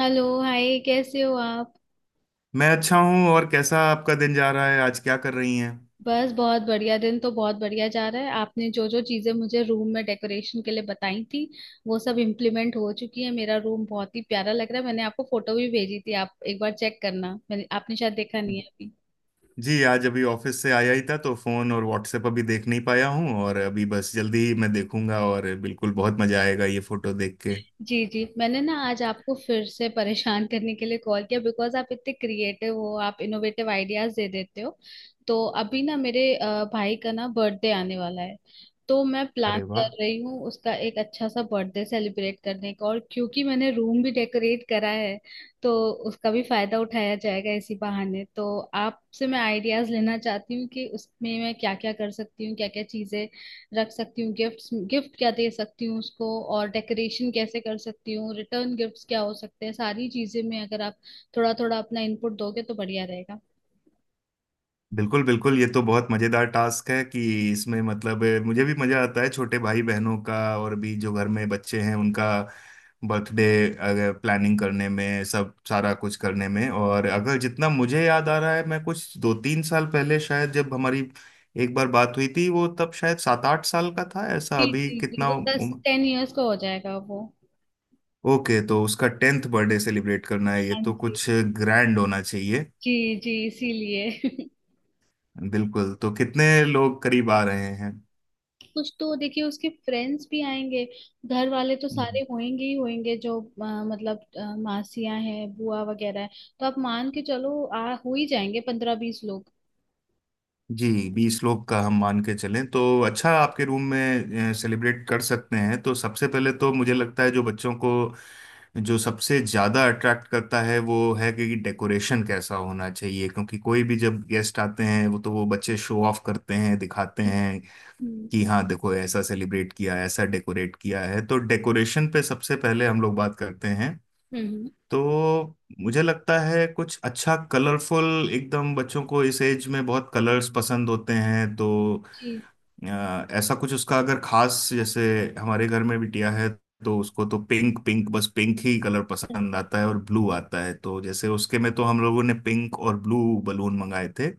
Hello. Hi, कैसे हो आप? मैं अच्छा हूँ। और कैसा आपका दिन जा रहा है, आज क्या कर रही हैं। बस बहुत बढ़िया। दिन तो बहुत बढ़िया जा रहा है। आपने जो जो चीजें मुझे रूम में डेकोरेशन के लिए बताई थी वो सब इम्प्लीमेंट हो चुकी है। मेरा रूम बहुत ही प्यारा लग रहा है। मैंने आपको फोटो भी भेजी थी, आप एक बार चेक करना। मैंने आपने शायद देखा नहीं है। जी आज अभी ऑफिस से आया ही था तो फोन और व्हाट्सएप अभी देख नहीं पाया हूँ। और अभी बस जल्दी ही मैं देखूंगा, और बिल्कुल बहुत मजा आएगा ये फोटो देख के। जी जी, मैंने ना आज आपको फिर से परेशान करने के लिए कॉल किया बिकॉज आप इतने क्रिएटिव हो, आप इनोवेटिव आइडियाज दे देते हो। तो अभी ना मेरे भाई का ना बर्थडे आने वाला है। तो मैं प्लान अरे कर वाह। रही हूँ उसका एक अच्छा सा बर्थडे सेलिब्रेट करने का, और क्योंकि मैंने रूम भी डेकोरेट करा है तो उसका भी फायदा उठाया जाएगा इसी बहाने। तो आपसे मैं आइडियाज लेना चाहती हूँ कि उसमें मैं क्या क्या कर सकती हूँ, क्या क्या चीजें रख सकती हूँ, गिफ्ट्स, गिफ्ट क्या दे सकती हूँ उसको, और डेकोरेशन कैसे कर सकती हूँ, रिटर्न गिफ्ट्स क्या हो सकते हैं। सारी चीजें में अगर आप थोड़ा थोड़ा अपना इनपुट दोगे तो बढ़िया रहेगा। बिल्कुल बिल्कुल, ये तो बहुत मजेदार टास्क है कि इसमें मतलब मुझे भी मजा आता है छोटे भाई बहनों का और भी जो घर में बच्चे हैं उनका बर्थडे अगर प्लानिंग करने में, सब सारा कुछ करने में। और अगर जितना मुझे याद आ रहा है, मैं कुछ 2-3 साल पहले शायद जब हमारी एक बार बात हुई थी, वो तब शायद 7-8 साल का था ऐसा। जी अभी जी जी, कितना वो 10 उम्र। 10 इयर्स का हो जाएगा वो। ओके तो उसका 10th बर्थडे सेलिब्रेट करना है, ये हाँ तो जी। कुछ ग्रैंड होना चाहिए। जी जी, इसीलिए। बिल्कुल, तो कितने लोग करीब आ रहे कुछ तो देखिए उसके फ्रेंड्स भी आएंगे, घर वाले तो सारे हैं। होंगे ही होंगे, जो मतलब मासियां हैं, बुआ वगैरह है। तो आप मान के चलो आ हो ही जाएंगे 15-20 लोग। जी 20 लोग का हम मान के चलें तो अच्छा, आपके रूम में सेलिब्रेट कर सकते हैं। तो सबसे पहले तो मुझे लगता है जो बच्चों को जो सबसे ज़्यादा अट्रैक्ट करता है वो है कि डेकोरेशन कैसा होना चाहिए, क्योंकि कोई भी जब गेस्ट आते हैं वो तो वो बच्चे शो ऑफ करते हैं, दिखाते हम्म। हैं हम्म। कि हाँ देखो ऐसा सेलिब्रेट किया, ऐसा डेकोरेट किया है। तो डेकोरेशन पे सबसे पहले हम लोग बात करते हैं। हम्म। हम्म। तो मुझे लगता है कुछ अच्छा कलरफुल एकदम, बच्चों को इस एज में बहुत कलर्स पसंद होते हैं। तो जी। अ, ऐसा कुछ उसका अगर खास, जैसे हमारे घर में बिटिया है तो उसको तो पिंक पिंक बस पिंक ही कलर पसंद आता है और ब्लू आता है। तो जैसे उसके में तो हम लोगों ने पिंक और ब्लू बलून मंगाए थे।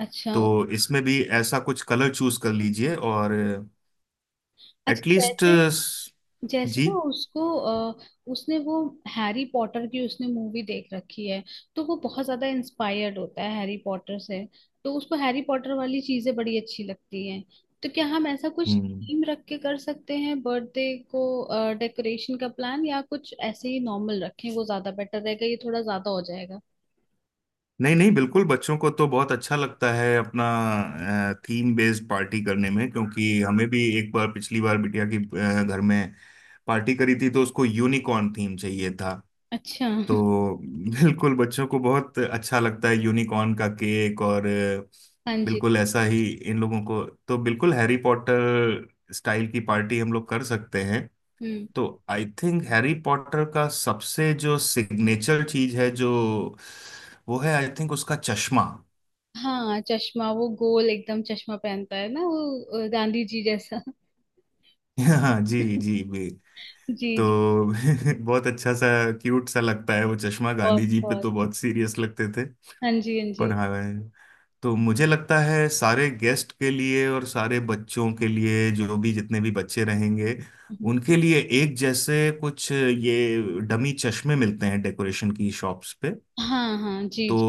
अच्छा। तो इसमें भी ऐसा कुछ कलर चूज कर लीजिए। और अच्छा, एटलीस्ट जैसे। जैसे ना जी। उसको उसने वो हैरी पॉटर की उसने मूवी देख रखी है, तो वो बहुत ज्यादा इंस्पायर्ड होता है हैरी पॉटर से। तो उसको हैरी पॉटर वाली चीजें बड़ी अच्छी लगती हैं। तो क्या हम ऐसा कुछ हम्म। थीम रख के कर सकते हैं बर्थडे को, डेकोरेशन का प्लान? या कुछ ऐसे ही नॉर्मल रखें, वो ज्यादा बेटर रहेगा, ये थोड़ा ज्यादा हो जाएगा? नहीं नहीं, बिल्कुल बच्चों को तो बहुत अच्छा लगता है अपना थीम बेस्ड पार्टी करने में। क्योंकि हमें भी एक बार पिछली बार बिटिया की घर में पार्टी करी थी तो उसको यूनिकॉर्न थीम चाहिए था। अच्छा। तो बिल्कुल बच्चों को बहुत अच्छा लगता है यूनिकॉर्न का केक। और हाँ जी। बिल्कुल ऐसा ही इन लोगों को तो बिल्कुल हैरी पॉटर स्टाइल की पार्टी हम लोग कर सकते हैं। हम्म। तो आई थिंक हैरी पॉटर का सबसे जो सिग्नेचर चीज है जो, वो है आई थिंक उसका चश्मा। हाँ, चश्मा, वो गोल एकदम चश्मा पहनता है ना वो, गांधी जी जैसा। हाँ जी जी, जी भी। तो जी। बहुत अच्छा सा क्यूट सा लगता है वो चश्मा। गांधी बहुत जी पे बहुत। तो बहुत सीरियस लगते थे, हाँ जी, हाँ जी। पर हाँ। तो मुझे लगता है सारे गेस्ट के लिए और सारे बच्चों के लिए, जो भी जितने भी बच्चे रहेंगे हम्म। उनके लिए एक जैसे कुछ ये डमी चश्मे मिलते हैं डेकोरेशन की शॉप्स पे, हाँ हाँ जी तो जी।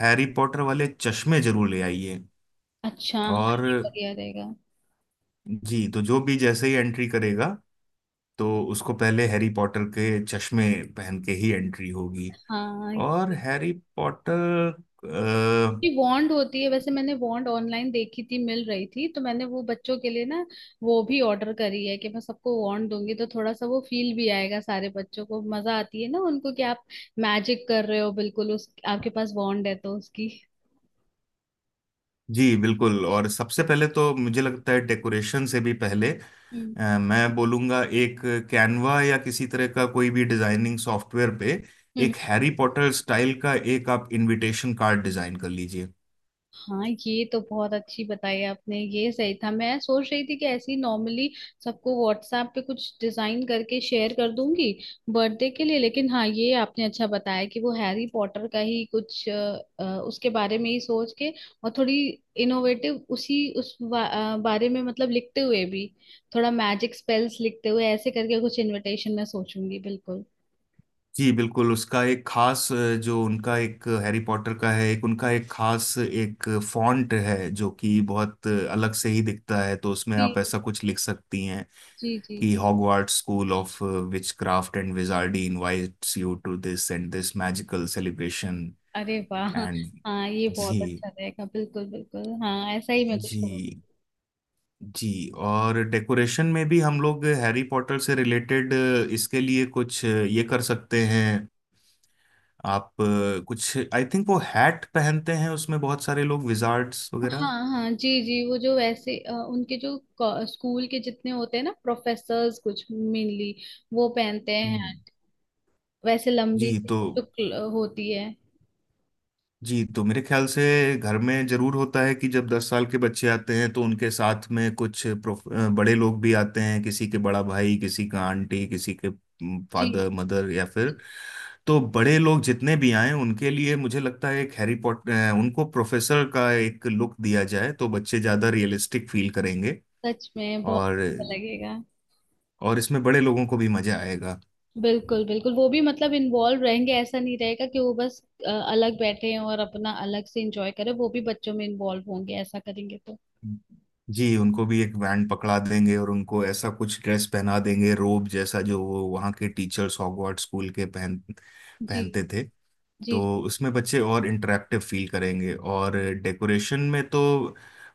हैरी पॉटर वाले चश्मे जरूर ले आइए। अच्छा, हाँ, और ये बढ़िया रहेगा। जी, तो जो भी जैसे ही एंट्री करेगा तो उसको पहले हैरी पॉटर के चश्मे पहन के ही एंट्री होगी। हाँ। और ये हैरी पॉटर अ, ये वॉन्ड होती है। वैसे मैंने वॉन्ड ऑनलाइन देखी थी, मिल रही थी, तो मैंने वो बच्चों के लिए ना वो भी ऑर्डर करी है। कि मैं सबको वॉन्ड दूंगी तो थोड़ा सा वो फील भी आएगा। सारे बच्चों को मजा आती है ना उनको कि आप मैजिक कर रहे हो, बिल्कुल उस आपके पास वॉन्ड है तो उसकी। जी बिल्कुल। और सबसे पहले तो मुझे लगता है डेकोरेशन से भी पहले, हम्म। मैं बोलूँगा एक कैनवा या किसी तरह का कोई भी डिजाइनिंग सॉफ्टवेयर पे एक हैरी पॉटर स्टाइल का एक आप इनविटेशन कार्ड डिजाइन कर लीजिए। हाँ, ये तो बहुत अच्छी बताई आपने, ये सही था। मैं सोच रही थी कि ऐसे ही नॉर्मली सबको व्हाट्सएप पे कुछ डिजाइन करके शेयर कर दूंगी बर्थडे के लिए। लेकिन हाँ, ये आपने अच्छा बताया कि वो हैरी पॉटर का ही कुछ, उसके बारे में ही सोच के, और थोड़ी इनोवेटिव उसी बारे में, मतलब लिखते हुए भी थोड़ा मैजिक स्पेल्स लिखते हुए, ऐसे करके कुछ इनविटेशन मैं सोचूंगी, बिल्कुल। जी बिल्कुल, उसका एक खास जो उनका एक हैरी पॉटर का है, एक उनका एक खास एक फॉन्ट है जो कि बहुत अलग से ही दिखता है, तो उसमें आप जी ऐसा कुछ लिख सकती हैं जी जी। कि Hogwarts school of witchcraft and wizardry invites you to this and this magical celebration अरे वाह! एंड। हाँ ये बहुत जी अच्छा रहेगा, बिल्कुल बिल्कुल, हाँ ऐसा ही मैं कुछ करूंगी। जी जी। और डेकोरेशन में भी हम लोग हैरी पॉटर से रिलेटेड इसके लिए कुछ ये कर सकते हैं। आप कुछ आई थिंक वो हैट पहनते हैं उसमें, बहुत सारे लोग विजार्ड्स हाँ वगैरह। हाँ जी जी, वो जो वैसे उनके जो स्कूल के जितने होते हैं ना प्रोफेसर्स, कुछ मेनली वो पहनते हैं, हम्म, वैसे जी लंबी सी तो। जो होती है। जी तो मेरे ख्याल से घर में जरूर होता है कि जब 10 साल के बच्चे आते हैं तो उनके साथ में कुछ बड़े लोग भी आते हैं, किसी के बड़ा भाई, किसी का आंटी, किसी के जी। फादर मदर या फिर। तो बड़े लोग जितने भी आए उनके लिए मुझे लगता है एक हैरी पॉटर उनको प्रोफेसर का एक लुक दिया जाए, तो बच्चे ज्यादा रियलिस्टिक फील करेंगे। सच में बहुत और अच्छा लगेगा, और इसमें बड़े लोगों को भी मजा आएगा। बिल्कुल बिल्कुल। वो भी मतलब इन्वॉल्व रहेंगे, ऐसा नहीं रहेगा कि वो बस अलग बैठे हैं और अपना अलग से इंजॉय करें। वो भी बच्चों में इन्वॉल्व होंगे, ऐसा करेंगे तो। जी उनको भी एक बैंड पकड़ा देंगे और उनको ऐसा कुछ ड्रेस पहना देंगे रोब जैसा, जो वो वहाँ के टीचर्स हॉगवर्ट्स स्कूल के पहन जी पहनते थे। जी तो जी। उसमें बच्चे और इंटरेक्टिव फील करेंगे। और डेकोरेशन में तो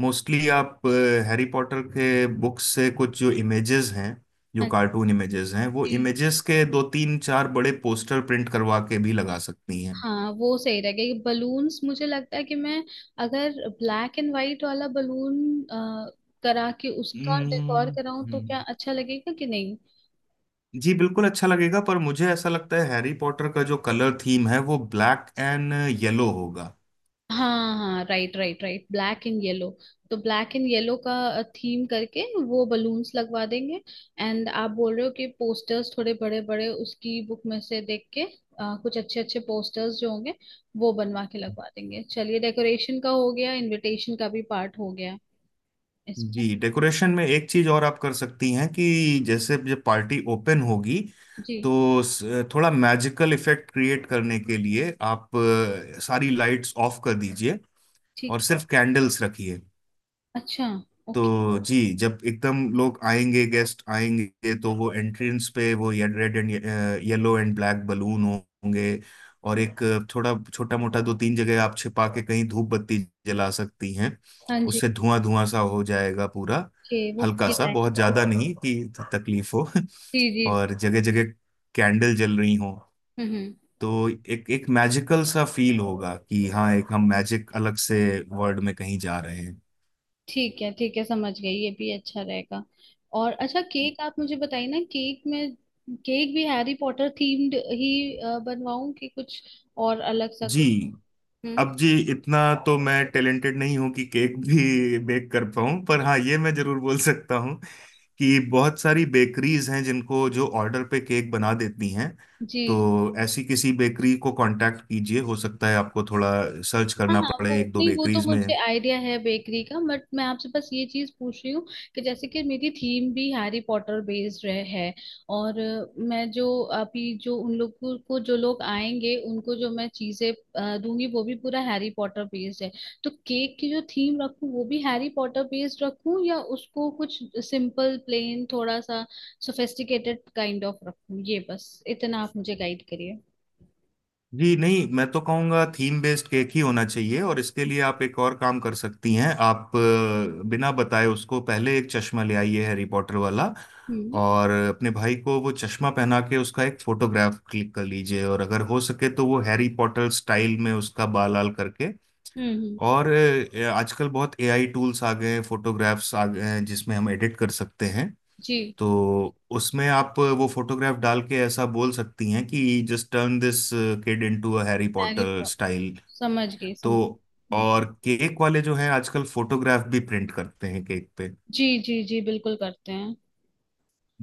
मोस्टली आप हैरी पॉटर के बुक्स से कुछ जो इमेजेस हैं, जो हाँ कार्टून इमेजेस हैं, वो जी। इमेजेस के दो तीन चार बड़े पोस्टर प्रिंट करवा के भी लगा सकती हैं। हाँ, वो सही रहेगा। ये बलून्स मुझे लगता है कि मैं अगर ब्लैक एंड व्हाइट वाला बलून करा के उसका डेकोर हम्म। कराऊं तो क्या हम्म। अच्छा लगेगा कि नहीं? जी बिल्कुल अच्छा लगेगा, पर मुझे ऐसा लगता है हैरी पॉटर का जो कलर थीम है वो ब्लैक एंड येलो होगा। हाँ हाँ, right right right, black and yellow. तो ब्लैक एंड येलो का थीम करके वो बलून्स लगवा देंगे। एंड आप बोल रहे हो कि पोस्टर्स थोड़े बड़े बड़े उसकी बुक में से देख के कुछ अच्छे अच्छे पोस्टर्स जो होंगे वो बनवा के लगवा देंगे। चलिए, डेकोरेशन का हो गया, इनविटेशन का भी पार्ट हो गया इसमें। जी डेकोरेशन में एक चीज और आप कर सकती हैं कि जैसे जब पार्टी ओपन होगी जी। तो थोड़ा मैजिकल इफेक्ट क्रिएट करने के लिए आप सारी लाइट्स ऑफ कर दीजिए ठीक और है। सिर्फ कैंडल्स रखिए। अच्छा। ओके। तो जी जब एकदम लोग आएंगे, गेस्ट आएंगे, तो वो एंट्रेंस पे वो ये, red and yellow and black balloon होंगे। और एक थोड़ा छोटा मोटा दो तीन जगह आप छिपा के कहीं धूप बत्ती जला सकती हैं। हाँ जी। उससे धुआं धुआं सा हो जाएगा पूरा, ओके, वो हल्का फील सा, बहुत आएगा। ज्यादा नहीं कि तकलीफ हो। जी जी जी। और जगह जगह कैंडल जल रही हो हम्म। तो एक एक मैजिकल सा फील होगा कि हाँ एक हम मैजिक अलग से वर्ल्ड में कहीं जा रहे हैं। ठीक है ठीक है, समझ गई, ये भी अच्छा रहेगा। और अच्छा, केक आप मुझे बताइए ना, केक में केक भी हैरी पॉटर थीम्ड ही बनवाऊं कि कुछ और अलग सा जी। कुछ? हम्म। अब जी इतना तो मैं टैलेंटेड नहीं हूं कि केक भी बेक कर पाऊं, पर हाँ ये मैं जरूर बोल सकता हूं कि बहुत सारी बेकरीज हैं जिनको जो ऑर्डर पे केक बना देती हैं। जी। तो ऐसी किसी बेकरी को कांटेक्ट कीजिए, हो सकता है आपको थोड़ा सर्च हाँ करना हाँ, वो पड़े एक दो नहीं, वो तो बेकरीज में। मुझे आइडिया है बेकरी का। बट मैं आपसे बस ये चीज पूछ रही हूँ कि जैसे कि मेरी थीम भी हैरी पॉटर बेस्ड रह है, और मैं जो अभी जो उन लोगों को जो लोग आएंगे उनको जो मैं चीजें दूंगी वो भी पूरा हैरी पॉटर बेस्ड है, तो केक की जो थीम रखूँ वो भी हैरी पॉटर बेस्ड रखूँ या उसको कुछ सिंपल प्लेन थोड़ा सा सोफेस्टिकेटेड काइंड ऑफ रखूँ? ये बस इतना आप मुझे गाइड करिए। जी नहीं, मैं तो कहूँगा थीम बेस्ड केक ही होना चाहिए। और इसके लिए आप एक और काम कर सकती हैं, आप बिना बताए उसको पहले एक चश्मा ले आइए हैरी पॉटर वाला। हम्म। और अपने भाई को वो चश्मा पहना के उसका एक फोटोग्राफ क्लिक कर लीजिए, और अगर हो सके तो वो हैरी पॉटर स्टाइल में उसका बाल लाल करके। हम्म। हम्म। और आजकल बहुत एआई टूल्स आ गए हैं, फोटोग्राफ्स आ गए हैं जिसमें हम एडिट कर सकते हैं। जी। तो उसमें आप वो फोटोग्राफ डाल के ऐसा बोल सकती हैं कि just turn this kid into a Harry Harry Potter style. समझ गई तो समझ हम्म। और केक वाले जो हैं आजकल फोटोग्राफ भी प्रिंट करते हैं केक पे। जी जी जी, बिल्कुल करते हैं।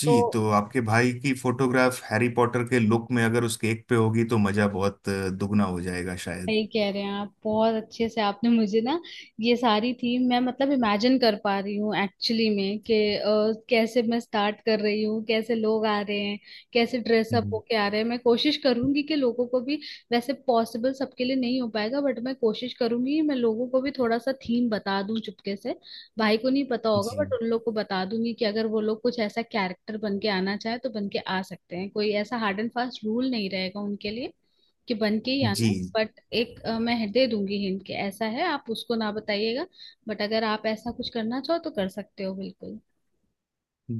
जी तो तो आपके भाई की फोटोग्राफ हैरी पॉटर के लुक में अगर उस केक पे होगी तो मजा बहुत दुगना हो जाएगा शायद। सही कह रहे हैं आप, बहुत अच्छे से आपने मुझे ना ये सारी थीम मैं मतलब इमेजिन कर पा रही हूँ एक्चुअली में कि कैसे मैं स्टार्ट कर रही हूँ, कैसे लोग आ रहे हैं, कैसे ड्रेसअप हम्म, होके आ रहे हैं। मैं कोशिश करूंगी कि लोगों को भी वैसे पॉसिबल सबके लिए नहीं हो पाएगा, बट मैं कोशिश करूंगी मैं लोगों को भी थोड़ा सा थीम बता दूं चुपके से। भाई को नहीं पता होगा, बट जी उन लोग को बता दूंगी कि अगर वो लोग कुछ ऐसा कैरेक्टर बन के आना चाहे तो बन के आ सकते हैं। कोई ऐसा हार्ड एंड फास्ट रूल नहीं रहेगा उनके लिए कि बन के ही आना जी है। बट एक मैं दे दूंगी हिंट के ऐसा है, आप उसको ना बताइएगा, बट अगर आप ऐसा कुछ करना चाहो तो कर सकते हो, बिल्कुल।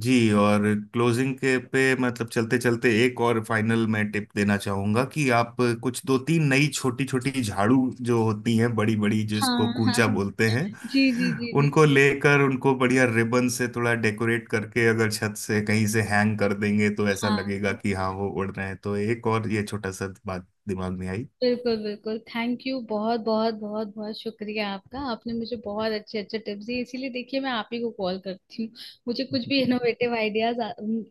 जी। और क्लोजिंग के पे मतलब चलते चलते एक और फाइनल मैं टिप देना चाहूंगा कि आप कुछ दो तीन नई छोटी छोटी झाड़ू जो होती हैं बड़ी बड़ी जिसको हाँ हाँ कूंचा हाँ। बोलते हैं, जी जी जी जी। उनको लेकर उनको बढ़िया रिबन से थोड़ा डेकोरेट करके अगर छत से कहीं से हैंग कर देंगे तो ऐसा हाँ, लगेगा कि हाँ वो उड़ रहे हैं। तो एक और ये छोटा सा बात दिमाग में बिल्कुल बिल्कुल, थैंक यू, बहुत बहुत बहुत बहुत शुक्रिया आपका। आपने मुझे बहुत अच्छे अच्छे टिप्स दिए, इसीलिए देखिए मैं आप ही को कॉल करती हूँ। मुझे कुछ भी आई। इनोवेटिव आइडियाज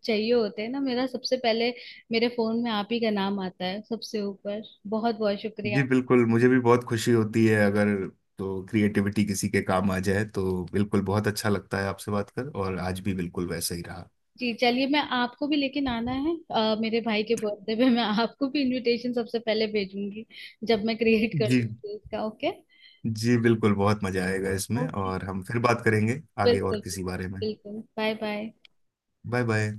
चाहिए होते हैं ना, मेरा सबसे पहले मेरे फोन में आप ही का नाम आता है सबसे ऊपर। बहुत बहुत शुक्रिया। जी बिल्कुल, मुझे भी बहुत खुशी होती है अगर तो क्रिएटिविटी किसी के काम आ जाए तो बिल्कुल। बहुत अच्छा लगता है आपसे बात कर, और आज भी बिल्कुल वैसा ही रहा। जी चलिए, मैं आपको भी लेकिन आना है, मेरे भाई के बर्थडे पे मैं आपको भी इनविटेशन सबसे पहले भेजूंगी जब मैं क्रिएट कर जी। लूंगी इसका। ओके। जी बिल्कुल, बहुत मजा आएगा इसमें। ओके, और हम फिर बात करेंगे आगे बिल्कुल और किसी बिल्कुल बारे में। बिल्कुल। Bye bye. Bye bye.